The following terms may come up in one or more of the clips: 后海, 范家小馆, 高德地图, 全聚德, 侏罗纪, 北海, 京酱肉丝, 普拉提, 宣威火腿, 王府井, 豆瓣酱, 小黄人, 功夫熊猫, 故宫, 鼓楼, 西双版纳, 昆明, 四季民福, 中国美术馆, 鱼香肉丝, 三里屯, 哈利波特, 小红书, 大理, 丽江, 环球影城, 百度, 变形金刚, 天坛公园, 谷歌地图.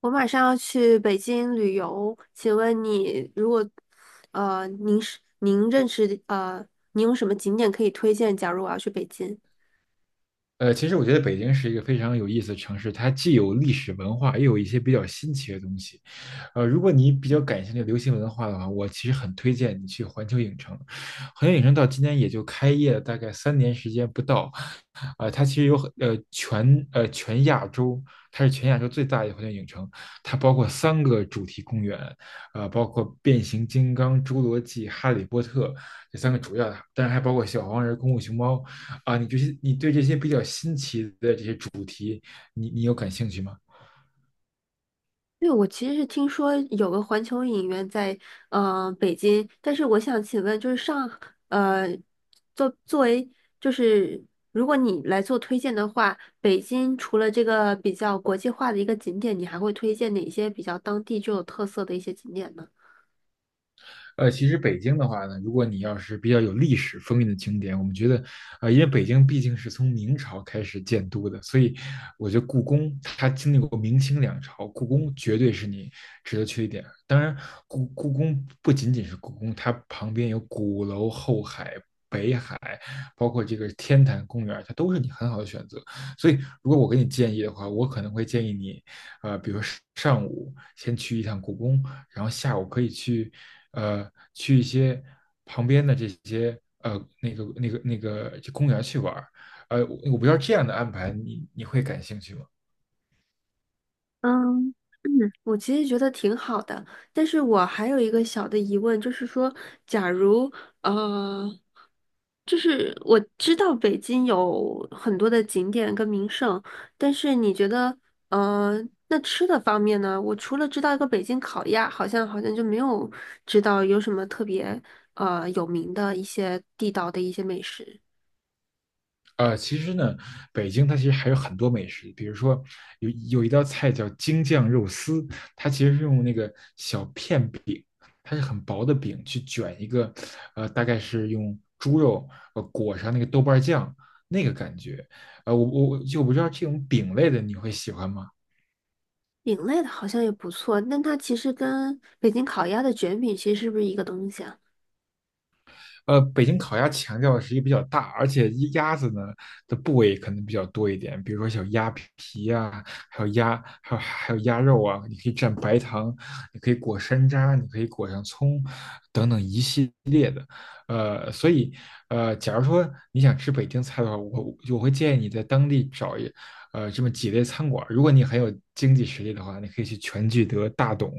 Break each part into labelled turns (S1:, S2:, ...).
S1: 我马上要去北京旅游，请问你如果，您是您认识的您有什么景点可以推荐？假如我要去北京，
S2: 其实我觉得北京是一个非常有意思的城市，它既有历史文化，也有一些比较新奇的东西。如果你比较感兴趣流行文化的话，我其实很推荐你去环球影城。环球影城到今天也就开业了大概3年时间不到，啊、它其实有很全亚洲，它是全亚洲最大的环球影城，它包括三个主题公园，包括变形金刚、侏罗纪、哈利波特这三个主要的，当然还包括小黄人、功夫熊猫啊，你对这些比较新奇的这些主，你有感兴趣吗？
S1: 因为我其实是听说有个环球影院在北京，但是我想请问，就是上呃作为就是如果你来做推荐的话，北京除了这个比较国际化的一个景点，你还会推荐哪些比较当地具有特色的一些景点呢？
S2: 其实北京的话呢，如果你要是比较有历史风韵的景点，我们觉得，因为北京毕竟是从明朝开始建都的，所以我觉得故宫它经历过明清两朝，故宫绝对是你值得去的一点。当然，故宫不仅仅是故宫，它旁边有鼓楼、后海、北海，包括这个天坛公园，它都是你很好的选择。所以，如果我给你建议的话，我可能会建议你比如说上午先去一趟故宫，然后下午可以去一些旁边的这些那个公园去玩儿。我不知道这样的安排你会感兴趣吗？
S1: 嗯。我其实觉得挺好的，但是我还有一个小的疑问，就是说，假如呃，就是我知道北京有很多的景点跟名胜，但是你觉得，呃，那吃的方面呢？我除了知道一个北京烤鸭，好像就没有知道有什么特别有名的一些地道的一些美食。
S2: 其实呢，北京它其实还有很多美食，比如说有有一道菜叫京酱肉丝，它其实是用那个小片饼，它是很薄的饼去卷一个，大概是用猪肉裹上那个豆瓣酱那个感觉，呃，我我不知道这种饼类的你会喜欢吗？
S1: 饼类的好像也不错，但它其实跟北京烤鸭的卷饼其实是不是一个东西啊？
S2: 北京烤鸭强调的是一个比较大，而且一鸭子呢的部位可能比较多一点，比如说小鸭皮啊，还有鸭，还有鸭肉啊，你可以蘸白糖，你可以裹山楂，你可以裹上葱，等等一系列的。所以假如说你想吃北京菜的话，我会建议你在当地这么几类餐馆儿如果你很有经济实力的话，你可以去全聚德、大董，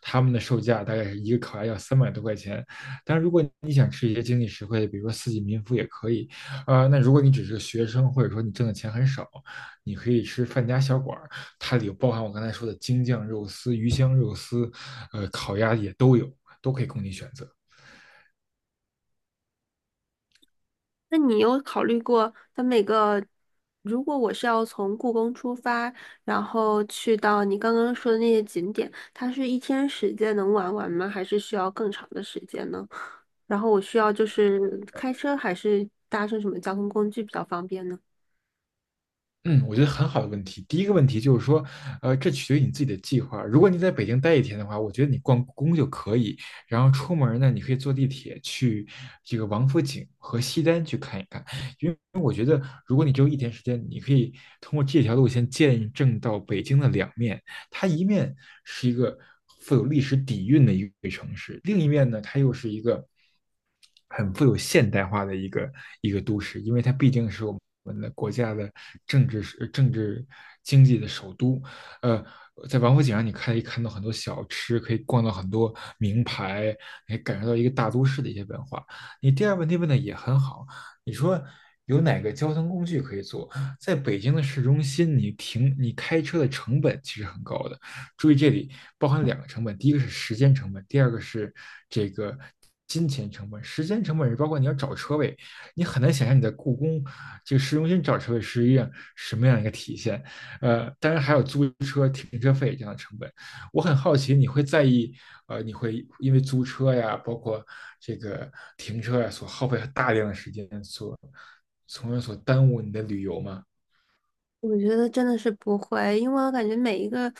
S2: 他们的售价大概是一个烤鸭要300多块钱，但如果你想吃一些经济实惠的，比如说四季民福也可以。那如果你只是个学生，或者说你挣的钱很少，你可以吃范家小馆儿，它里有包含我刚才说的京酱肉丝、鱼香肉丝，烤鸭也都有，都可以供你选择。
S1: 那你有考虑过，它每个，如果我是要从故宫出发，然后去到你刚刚说的那些景点，它是一天时间能玩完吗？还是需要更长的时间呢？然后我需要就是开车还是搭乘什么交通工具比较方便呢？
S2: 嗯，我觉得很好的问题。第一个问题就是说，这取决于你自己的计划。如果你在北京待一天的话，我觉得你逛故宫就可以，然后出门呢，你可以坐地铁去这个王府井和西单去看一看。因为我觉得，如果你只有一天时间，你可以通过这条路线见证到北京的两面。它一面是一个富有历史底蕴的一个城市，另一面呢，它又是一个很富有现代化的一个都市，因为它毕竟是我们的国家的政治政治经济的首都。呃，在王府井上，你可以看到很多小吃，可以逛到很多名牌，也可以感受到一个大都市的一些文化。你第二个问题问的也很好，你说有哪个交通工具可以坐？在北京的市中心，你开车的成本其实很高的，注意，这里包含两个成本，第一个是时间成本，第二个是这个金钱成本。时间成本是包括你要找车位，你很难想象你在故宫这个市中心找车位是一样什么样一个体现。当然还有租车、停车费这样的成本。我很好奇，你会在意你会因为租车呀，包括这个停车呀，所耗费大量的时间，从而耽误你的旅游吗？
S1: 我觉得真的是不会，因为我感觉每一个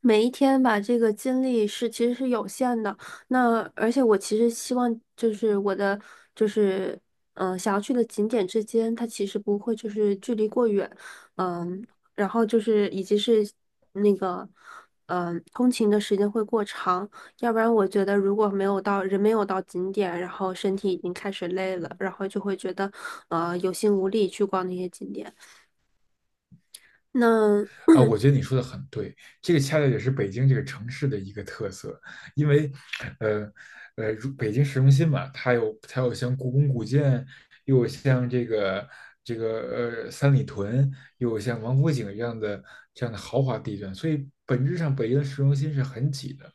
S1: 每一天吧，这个精力是其实是有限的。那而且我其实希望就是我的就是想要去的景点之间，它其实不会就是距离过远，嗯，然后就是以及是那个通勤的时间会过长，要不然我觉得如果没有到人没有到景点，然后身体已经开始累了，然后就会觉得有心无力去逛那些景点。那
S2: 啊，我觉得你说的很对，这个恰恰也是北京这个城市的一个特色，因为，呃，如北京市中心嘛，它有像故宫古建，又有像这个三里屯，又有像王府井这样的豪华地段，所以本质上北京的市中心是很挤的。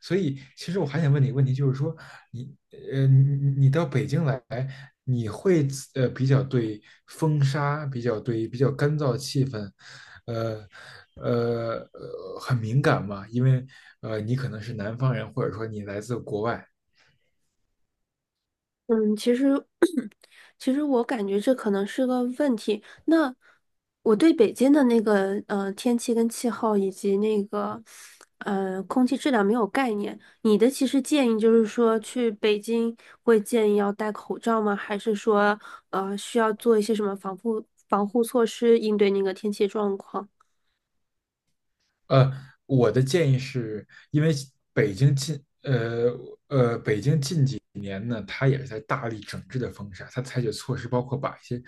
S2: 所以，其实我还想问你一个问题，就是说，你你到北京来，你会比较对风沙，比较干燥的气氛，呃很敏感吗？因为你可能是南方人，或者说你来自国外。
S1: 嗯，其实，其实我感觉这可能是个问题。那我对北京的那个天气跟气候以及那个空气质量没有概念。你的其实建议就是说去北京会建议要戴口罩吗？还是说需要做一些什么防护措施应对那个天气状况？
S2: 呃，我的建议是，因为北京近，它也是在大力整治的风沙，它采取措施包括把一些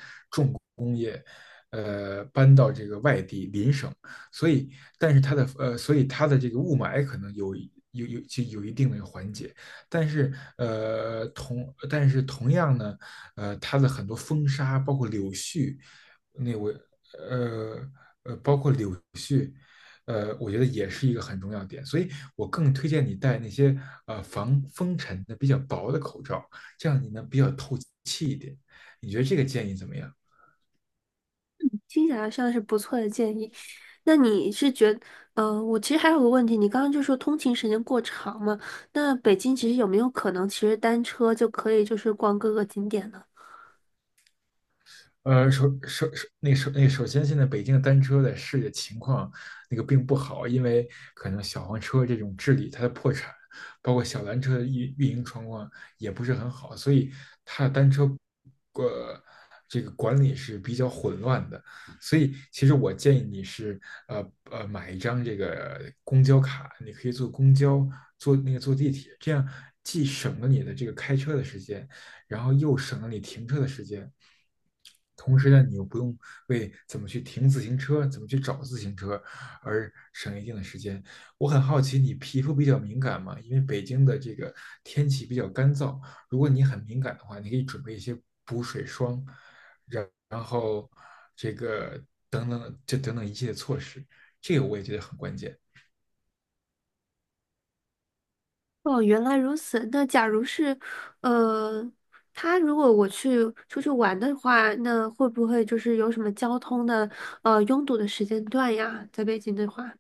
S2: 搬到这个外地邻省，所以但是它的所以它的这个雾霾可能有一定的缓解，但是同样呢，它的很多风沙包括柳絮，那我呃。我觉得也是一个很重要的点，所以我更推荐你戴那些防风尘的比较薄的口罩，这样你能比较透气一点。你觉得这个建议怎么样？
S1: 听起来像是不错的建议。那你是觉得，我其实还有个问题，你刚刚就说通勤时间过长嘛？那北京其实有没有可能，其实单车就可以就是逛各个景点呢？
S2: 首先，现在北京的单车的市里的情况那个并不好，因为可能小黄车这种治理它的破产，包括小蓝车的运营状况也不是很好，所以它的单车呃这个管理是比较混乱的。所以其实我建议你是买一张这个公交卡，你可以坐公交，坐那个坐地铁，这样既省了你的这个开车的时间，然后又省了你停车的时间。同时呢，你又不用为怎么去停自行车、怎么去找自行车而省一定的时间。我很好奇，你皮肤比较敏感吗？因为北京的这个天气比较干燥，如果你很敏感的话，你可以准备一些补水霜，然后这个等等一系列措施，这个我也觉得很关键。
S1: 哦，原来如此。那假如是，呃，他如果我去出去玩的话，那会不会就是有什么交通的，拥堵的时间段呀？在北京的话。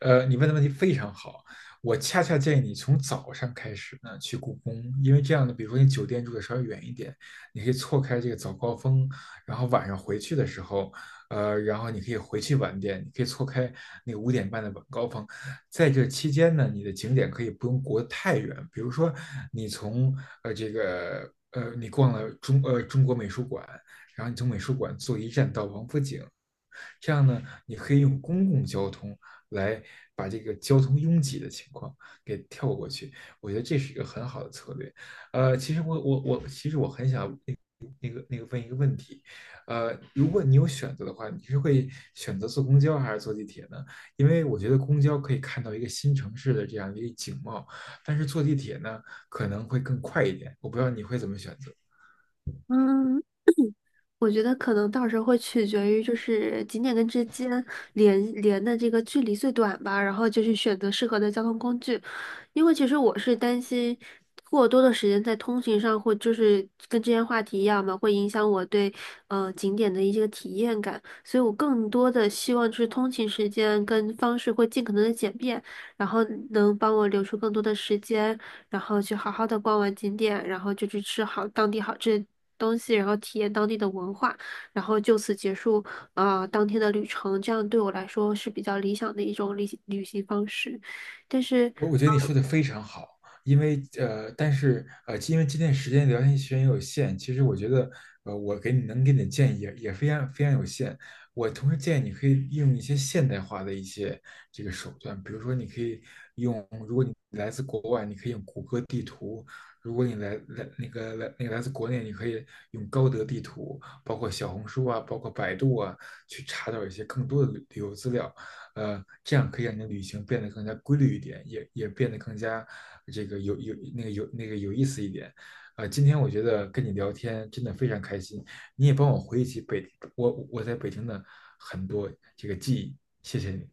S2: 你问的问题非常好，我恰恰建议你从早上开始呢去故宫，因为这样呢，比如说你酒店住的稍微远一点，你可以错开这个早高峰，然后晚上回去的时候，然后你可以回去晚点，你可以错开那个5点半的晚高峰，在这期间呢，你的景点可以不用过得太远，比如说你从呃这个呃你逛了中国美术馆，然后你从美术馆坐一站到王府井。这样呢，你可以用公共交通来把这个交通拥挤的情况给跳过去。我觉得这是一个很好的策略。其实我很想问一个问题，如果你有选择的话，你是会选择坐公交还是坐地铁呢？因为我觉得公交可以看到一个新城市的这样一个景貌，但是坐地铁呢可能会更快一点。我不知道你会怎么选择。
S1: 嗯，我觉得可能到时候会取决于就是景点跟之间连的这个距离最短吧，然后就去选择适合的交通工具。因为其实我是担心过多的时间在通勤上会就是跟之前话题一样嘛，会影响我对景点的一些体验感，所以我更多的希望就是通勤时间跟方式会尽可能的简便，然后能帮我留出更多的时间。然后去好好的逛完景点，然后就去吃好当地好吃的东西，然后体验当地的文化，然后就此结束啊当天的旅程。这样对我来说是比较理想的一种旅行方式，但是。
S2: 我觉得你说的非常好，因为但是因为今天时间聊天时间也有限，其实我觉得我能给你的建议也非常非常有限。我同时建议你可以用一些现代化的一些这个手段，比如说你可以用，如果你来自国外，你可以用谷歌地图；如果你来来那个来那个来自国内，你可以用高德地图，包括小红书啊，包括百度啊，去查找一些更多的旅游资料。这样可以让你的旅行变得更加规律一点，也变得更加这个有有那个有那个有意思一点。今天我觉得跟你聊天真的非常开心，你也帮我回忆起我在北京的很多这个记忆，谢谢你。